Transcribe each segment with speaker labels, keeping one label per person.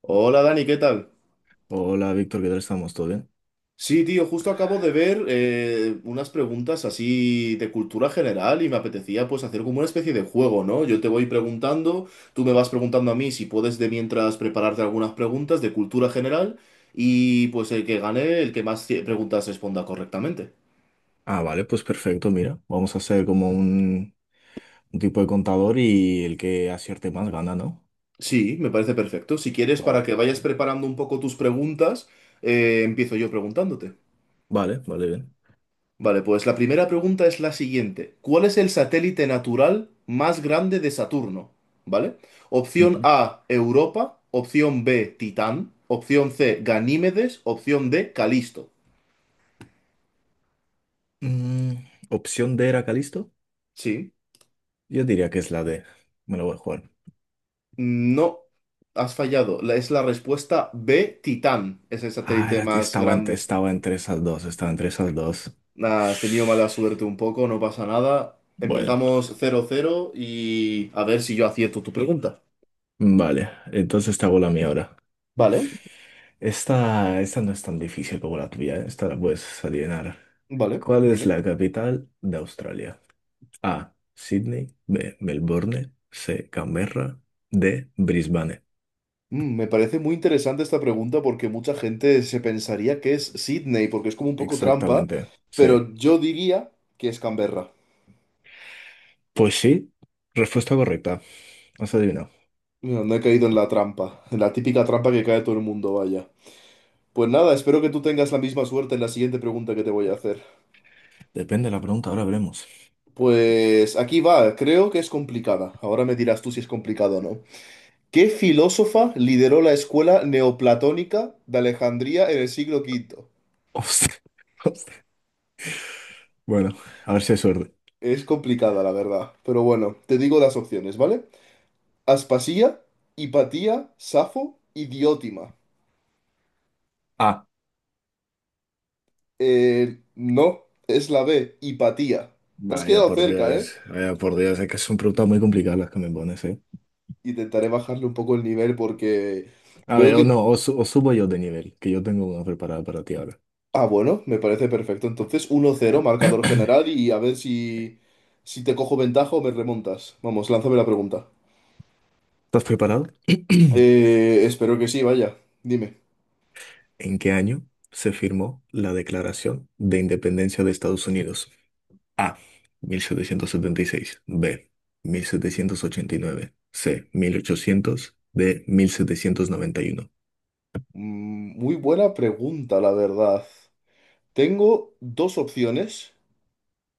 Speaker 1: Hola Dani, ¿qué tal?
Speaker 2: Hola Víctor, ¿qué tal estamos? ¿Todo bien?
Speaker 1: Sí, tío, justo acabo de ver unas preguntas así de cultura general y me apetecía pues hacer como una especie de juego, ¿no? Yo te voy preguntando, tú me vas preguntando a mí si puedes de mientras prepararte algunas preguntas de cultura general y pues el que gane, el que más preguntas responda correctamente.
Speaker 2: Ah, vale, pues perfecto, mira, vamos a hacer como un tipo de contador y el que acierte más gana, ¿no?
Speaker 1: Sí, me parece perfecto. Si quieres, para
Speaker 2: Vale,
Speaker 1: que vayas
Speaker 2: vale,
Speaker 1: preparando un poco tus preguntas, empiezo yo preguntándote.
Speaker 2: vale, vale, bien.
Speaker 1: Vale, pues la primera pregunta es la siguiente. ¿Cuál es el satélite natural más grande de Saturno? ¿Vale? Opción
Speaker 2: Ujú.
Speaker 1: A, Europa. Opción B, Titán. Opción C, Ganímedes. Opción D, Calisto.
Speaker 2: Mm, Opción D era Calisto.
Speaker 1: Sí.
Speaker 2: Yo diría que es la D. Me lo voy a jugar.
Speaker 1: No, has fallado. Es la respuesta B, Titán. Es el
Speaker 2: Ah,
Speaker 1: satélite
Speaker 2: era,
Speaker 1: más grande.
Speaker 2: estaba entre esas dos, estaba entre esas dos.
Speaker 1: Nah, has tenido mala suerte un poco, no pasa nada.
Speaker 2: Bueno,
Speaker 1: Empezamos cero cero y a ver si yo acierto tu pregunta.
Speaker 2: vale, entonces te hago la mía ahora.
Speaker 1: Vale,
Speaker 2: Esta no es tan difícil como la tuya, ¿eh? Esta la puedes adivinar.
Speaker 1: vale,
Speaker 2: ¿Cuál es
Speaker 1: dime.
Speaker 2: la capital de Australia? A. Sydney. B. Melbourne. C. Canberra. D. Brisbane.
Speaker 1: Mm, me parece muy interesante esta pregunta porque mucha gente se pensaría que es Sydney, porque es como un poco trampa,
Speaker 2: Exactamente. Sí.
Speaker 1: pero yo diría que es Canberra.
Speaker 2: Pues sí. Respuesta correcta. Has adivinado.
Speaker 1: No, no he caído en la trampa, en la típica trampa que cae todo el mundo, vaya. Pues nada, espero que tú tengas la misma suerte en la siguiente pregunta que te voy a hacer.
Speaker 2: Depende de la pregunta, ahora veremos.
Speaker 1: Pues aquí va, creo que es complicada. Ahora me dirás tú si es complicado o no. ¿Qué filósofa lideró la escuela neoplatónica de Alejandría en el siglo quinto?
Speaker 2: Hostia. Hostia. Bueno, a ver si hay suerte.
Speaker 1: Es complicada, la verdad, pero bueno, te digo las opciones, ¿vale? Aspasía, Hipatía, Safo y Diótima.
Speaker 2: A.
Speaker 1: No, es la B, Hipatía. Te has
Speaker 2: Vaya
Speaker 1: quedado
Speaker 2: por
Speaker 1: cerca, ¿eh?
Speaker 2: Dios. Vaya por Dios. Es que son preguntas muy complicadas las que me pones, ¿eh?
Speaker 1: Intentaré bajarle un poco el nivel porque
Speaker 2: A
Speaker 1: veo
Speaker 2: ver, o
Speaker 1: que...
Speaker 2: no, o subo yo de nivel, que yo tengo una preparada para ti ahora.
Speaker 1: Ah, bueno, me parece perfecto. Entonces, 1-0, marcador
Speaker 2: ¿Estás
Speaker 1: general y a ver si, si te cojo ventaja o me remontas. Vamos, lánzame la pregunta.
Speaker 2: preparado?
Speaker 1: Espero que sí, vaya. Dime.
Speaker 2: ¿En qué año se firmó la Declaración de Independencia de Estados Unidos? A. 1776, B. 1789, C. 1800, D. 1791.
Speaker 1: Mm, muy buena pregunta, la verdad. Tengo dos opciones.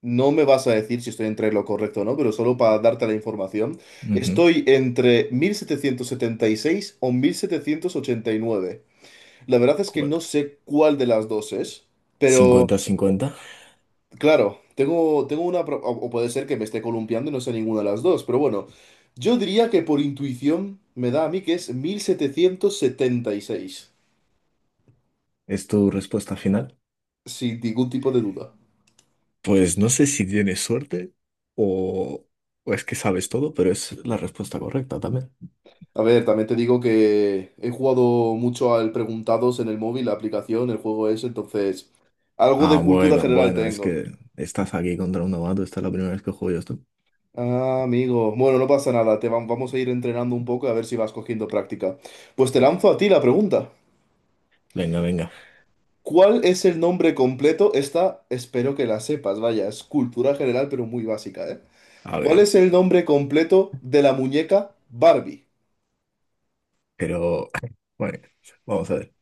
Speaker 1: No me vas a decir si estoy entre lo correcto o no, pero solo para darte la información,
Speaker 2: Ujú.
Speaker 1: estoy entre 1776 o 1789. La verdad es que
Speaker 2: Cu-
Speaker 1: no sé cuál de las dos es, pero
Speaker 2: 50-50.
Speaker 1: claro, tengo una... O, o puede ser que me esté columpiando y no sé ninguna de las dos, pero bueno, yo diría que por intuición me da a mí que es 1776
Speaker 2: ¿Es tu respuesta final?
Speaker 1: sin ningún tipo de duda.
Speaker 2: Pues no sé si tienes suerte o, o es que sabes todo, pero es la respuesta correcta también.
Speaker 1: A ver, también te digo que he jugado mucho al Preguntados en el móvil, la aplicación, el juego ese. Entonces algo
Speaker 2: Ah,
Speaker 1: de cultura
Speaker 2: bueno,
Speaker 1: general
Speaker 2: bueno, es
Speaker 1: tengo.
Speaker 2: que estás aquí contra un novato, esta es la primera vez que juego yo esto.
Speaker 1: Ah, amigo. Bueno, no pasa nada, te vamos a ir entrenando un poco a ver si vas cogiendo práctica. Pues te lanzo a ti la pregunta.
Speaker 2: Venga, venga,
Speaker 1: ¿Cuál es el nombre completo? Esta espero que la sepas, vaya, es cultura general, pero muy básica, ¿eh?
Speaker 2: a ver, a
Speaker 1: ¿Cuál es
Speaker 2: ver.
Speaker 1: el nombre completo de la muñeca Barbie?
Speaker 2: Pero, bueno, vamos a ver.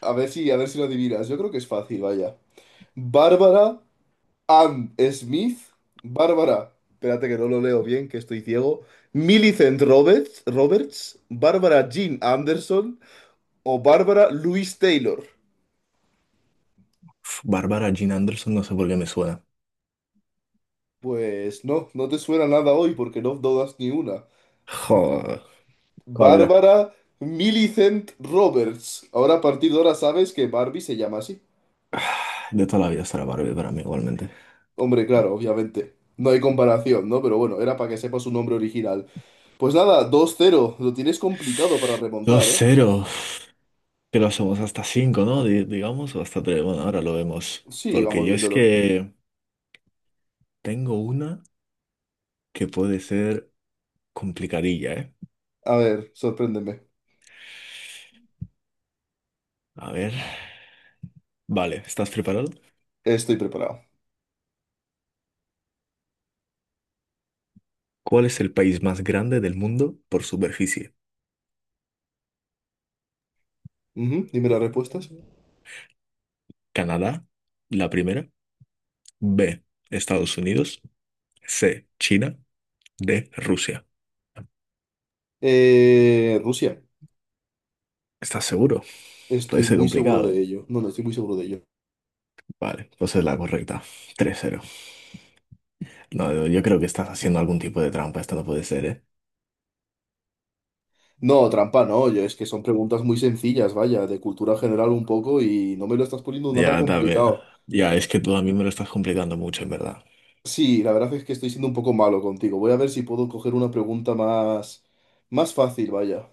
Speaker 1: A ver si lo adivinas. Yo creo que es fácil, vaya. Bárbara Ann Smith, Bárbara, espérate que no lo leo bien, que estoy ciego, Millicent Roberts, Roberts, Bárbara Jean Anderson o Bárbara Louise Taylor.
Speaker 2: Uf, Barbara Jean Anderson, no sé por qué me suena.
Speaker 1: Pues no, no te suena nada hoy porque no dudas ni una.
Speaker 2: Joder, ¿cuál era?
Speaker 1: Bárbara Millicent Roberts. Ahora a partir de ahora sabes que Barbie se llama así.
Speaker 2: Ah, de toda la vida será Barbie para mí igualmente.
Speaker 1: Hombre, claro, obviamente. No hay comparación, ¿no? Pero bueno, era para que sepas su nombre original. Pues nada, dos cero. Lo tienes complicado para
Speaker 2: Dos
Speaker 1: remontar, ¿eh?
Speaker 2: ceros, que lo somos hasta cinco, ¿no? Digamos, o hasta tres. Bueno, ahora lo vemos.
Speaker 1: Sí,
Speaker 2: Porque
Speaker 1: vamos
Speaker 2: yo es
Speaker 1: viéndolo.
Speaker 2: que tengo una que puede ser complicadilla, ¿eh?
Speaker 1: A ver, sorpréndeme.
Speaker 2: A ver. Vale, ¿estás preparado?
Speaker 1: Estoy preparado.
Speaker 2: ¿Cuál es el país más grande del mundo por superficie?
Speaker 1: Ujú, dime las respuestas.
Speaker 2: Canadá, la primera. B, Estados Unidos. C, China. D, Rusia.
Speaker 1: Rusia.
Speaker 2: ¿Estás seguro? Puede
Speaker 1: Estoy
Speaker 2: ser
Speaker 1: muy seguro
Speaker 2: complicado,
Speaker 1: de
Speaker 2: ¿eh?
Speaker 1: ello. No, no, estoy muy seguro de ello.
Speaker 2: Vale, pues es la correcta. 3-0. No, yo creo que estás haciendo algún tipo de trampa. Esto no puede ser, ¿eh?
Speaker 1: No, trampa, no. Yo, es que son preguntas muy sencillas, vaya, de cultura general un poco y no me lo estás poniendo nada
Speaker 2: Ya, también.
Speaker 1: complicado.
Speaker 2: Ya, es que tú a mí me lo estás complicando mucho, en verdad.
Speaker 1: Sí, la verdad es que estoy siendo un poco malo contigo. Voy a ver si puedo coger una pregunta más, más fácil, vaya.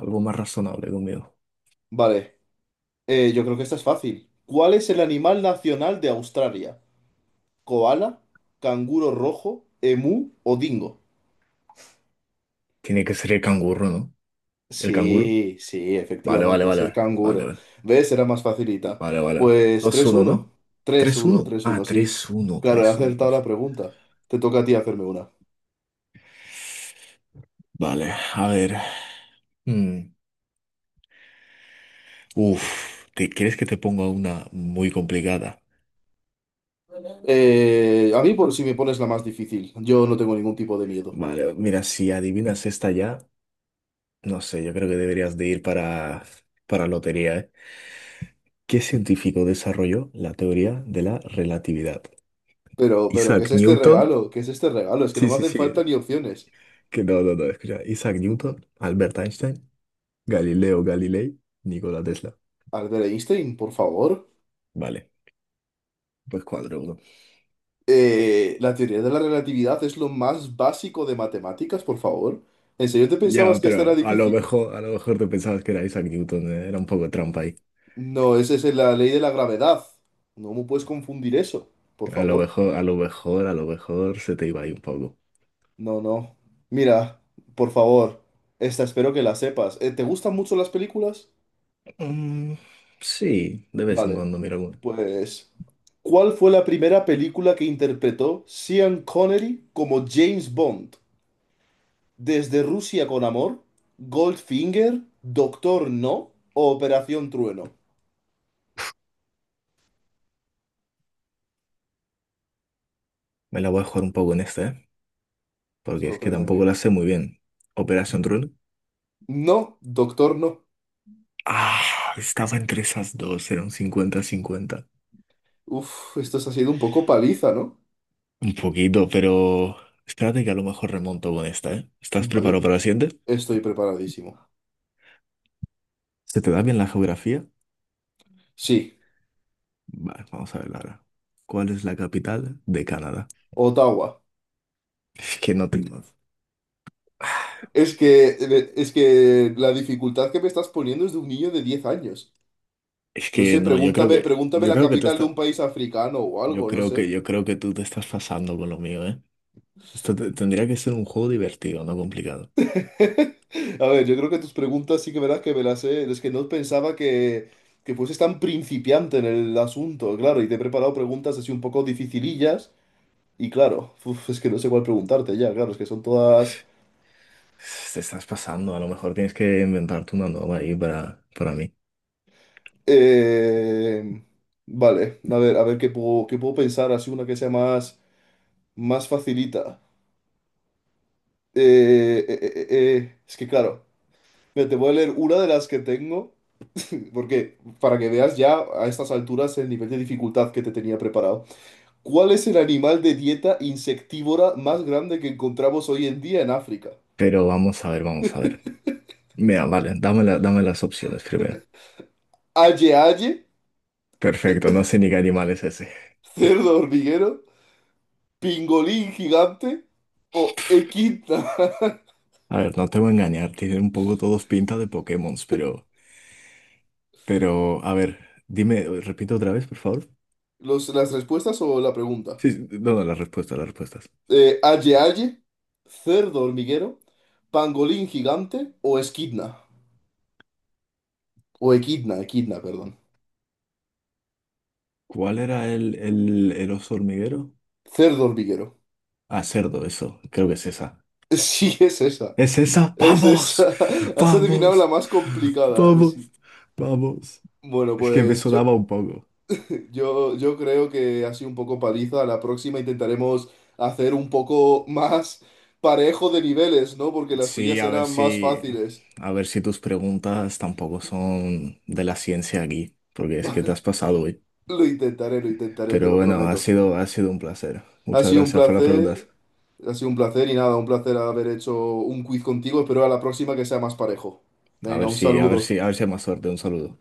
Speaker 2: Algo más razonable conmigo.
Speaker 1: Vale, yo creo que esta es fácil. ¿Cuál es el animal nacional de Australia? ¿Koala, canguro rojo, emú o dingo?
Speaker 2: Tiene que ser el canguro, ¿no? ¿El canguro?
Speaker 1: Sí, sí,
Speaker 2: Vale, vale,
Speaker 1: efectivamente, ser
Speaker 2: vale. Vale,
Speaker 1: canguro.
Speaker 2: vale.
Speaker 1: ¿Ves? Era más facilita.
Speaker 2: Vale, vale.
Speaker 1: Pues
Speaker 2: dos
Speaker 1: tres
Speaker 2: uno no,
Speaker 1: uno, tres
Speaker 2: tres
Speaker 1: uno,
Speaker 2: uno
Speaker 1: tres uno,
Speaker 2: Ah,
Speaker 1: sí.
Speaker 2: 3-1,
Speaker 1: Claro, he
Speaker 2: 3-1.
Speaker 1: acertado
Speaker 2: Uf.
Speaker 1: la pregunta. Te toca a ti hacerme una.
Speaker 2: Vale, a ver. Mm. Uf, ¿te crees que te ponga una muy complicada?
Speaker 1: A mí, por si me pones la más difícil, yo no tengo ningún tipo de miedo.
Speaker 2: Vale, mira, si adivinas esta ya. No sé, yo creo que deberías de ir para, lotería, ¿eh? ¿Qué científico desarrolló la teoría de la relatividad?
Speaker 1: Pero, ¿qué
Speaker 2: Isaac
Speaker 1: es este
Speaker 2: Newton.
Speaker 1: regalo? ¿Qué es este regalo? Es que no
Speaker 2: Sí,
Speaker 1: me
Speaker 2: sí,
Speaker 1: hacen falta
Speaker 2: sí.
Speaker 1: ni opciones.
Speaker 2: Que no, no, no, escucha. Isaac Newton, Albert Einstein, Galileo Galilei, Nikola Tesla.
Speaker 1: Albert Einstein, por favor.
Speaker 2: Vale, pues cuadro uno.
Speaker 1: La teoría de la relatividad es lo más básico de matemáticas, por favor. ¿En serio te pensabas
Speaker 2: Ya,
Speaker 1: que esta era
Speaker 2: pero a lo
Speaker 1: difícil?
Speaker 2: mejor, a lo mejor te pensabas que era Isaac Newton, ¿eh? Era un poco trampa ahí.
Speaker 1: No, esa es la ley de la gravedad. No me puedes confundir eso, por
Speaker 2: A lo
Speaker 1: favor.
Speaker 2: mejor, a lo mejor, a lo mejor se te iba ahí un poco.
Speaker 1: No, no. Mira, por favor, esta espero que la sepas. ¿Te gustan mucho las películas?
Speaker 2: Mm, sí, de vez en
Speaker 1: Vale,
Speaker 2: cuando mira alguno.
Speaker 1: pues, ¿cuál fue la primera película que interpretó Sean Connery como James Bond? ¿Desde Rusia con amor? ¿Goldfinger? ¿Doctor No? ¿O Operación Trueno?
Speaker 2: Me la voy a jugar un poco en este, ¿eh? Porque es que tampoco
Speaker 1: Sorpréndeme.
Speaker 2: la sé muy bien. Operation Run.
Speaker 1: No, Doctor No.
Speaker 2: Ah, estaba entre esas dos, era un cincuenta 50.
Speaker 1: Uf, esto se ha sido un poco paliza, ¿no?
Speaker 2: Un poquito, pero espérate que a lo mejor remonto con esta, ¿eh? ¿Estás
Speaker 1: Vale.
Speaker 2: preparado para la siguiente?
Speaker 1: Estoy preparadísimo.
Speaker 2: ¿Se te da bien la geografía?
Speaker 1: Sí,
Speaker 2: Vale, vamos a ver ahora. ¿Cuál es la capital de Canadá?
Speaker 1: Ottawa.
Speaker 2: Es que no tengo.
Speaker 1: Es que, es que la dificultad que me estás poniendo es de un niño de 10 años.
Speaker 2: Es
Speaker 1: No sé,
Speaker 2: que no, yo creo
Speaker 1: pregúntame,
Speaker 2: que,
Speaker 1: pregúntame
Speaker 2: yo
Speaker 1: la
Speaker 2: creo que, tú
Speaker 1: capital de
Speaker 2: estás,
Speaker 1: un país africano o
Speaker 2: yo
Speaker 1: algo, no
Speaker 2: creo
Speaker 1: sé.
Speaker 2: que, yo creo que tú te estás pasando con lo mío, ¿eh? Esto tendría que ser un juego divertido, no complicado.
Speaker 1: A ver, yo creo que tus preguntas sí que verás que me las sé. Es que no pensaba que fueses tan principiante en el asunto, claro. Y te he preparado preguntas así un poco dificilillas. Y claro, uf, es que no sé cuál preguntarte ya, claro. Es que son todas.
Speaker 2: Te estás pasando, a lo mejor tienes que inventarte una nueva ahí para mí.
Speaker 1: Eh, vale, a ver, a ver qué puedo pensar, así una que sea más, más facilita. Eh, eh, eh, eh, es que claro, mira, te voy a leer una de las que tengo, porque para que veas ya a estas alturas el nivel de dificultad que te tenía preparado. ¿Cuál es el animal de dieta insectívora más grande que encontramos hoy en día en África?
Speaker 2: Pero vamos a ver, vamos a ver. Mira, vale, dame, dame las opciones primero.
Speaker 1: ¿Aye aye?
Speaker 2: Perfecto, no sé ni qué animal es ese.
Speaker 1: ¿Cerdo hormiguero? ¿Pingolín gigante? ¿O equidna?
Speaker 2: A ver, no te voy a engañar, tienen un poco todos pinta de Pokémon, pero, a ver, dime, repito otra vez, por favor.
Speaker 1: Los, ¿las respuestas o la pregunta?
Speaker 2: Sí, sí, no, no, las respuestas, las respuestas.
Speaker 1: Aye Aye, Cerdo Hormiguero, Pangolín Gigante o Esquidna. O Equidna, Equidna, perdón.
Speaker 2: ¿Cuál era el oso hormiguero?
Speaker 1: Cerdo Hormiguero.
Speaker 2: Ah, cerdo, eso, creo que es esa.
Speaker 1: Sí, es esa.
Speaker 2: ¿Es esa?
Speaker 1: Es
Speaker 2: ¡Vamos!
Speaker 1: esa. Has adivinado la
Speaker 2: ¡Vamos!
Speaker 1: más complicada. Sí.
Speaker 2: ¡Vamos! ¡Vamos!
Speaker 1: Bueno,
Speaker 2: Es que me
Speaker 1: pues yo,
Speaker 2: sonaba un poco.
Speaker 1: yo, yo creo que ha sido un poco paliza. La próxima intentaremos hacer un poco más parejo de niveles, ¿no? Porque las
Speaker 2: Sí,
Speaker 1: tuyas
Speaker 2: a ver
Speaker 1: eran más
Speaker 2: si,
Speaker 1: fáciles.
Speaker 2: a ver si tus preguntas tampoco son de la ciencia aquí, porque es que te
Speaker 1: Vale,
Speaker 2: has pasado hoy.
Speaker 1: lo intentaré, lo intentaré, te
Speaker 2: Pero
Speaker 1: lo
Speaker 2: bueno, ha
Speaker 1: prometo.
Speaker 2: sido, ha sido un placer.
Speaker 1: Ha
Speaker 2: Muchas
Speaker 1: sido un
Speaker 2: gracias por las
Speaker 1: placer,
Speaker 2: preguntas.
Speaker 1: ha sido un placer y nada, un placer haber hecho un quiz contigo. Espero a la próxima que sea más parejo.
Speaker 2: A
Speaker 1: Venga,
Speaker 2: ver
Speaker 1: un
Speaker 2: si, A ver
Speaker 1: saludo.
Speaker 2: si, a ver si, hay más suerte. Un saludo.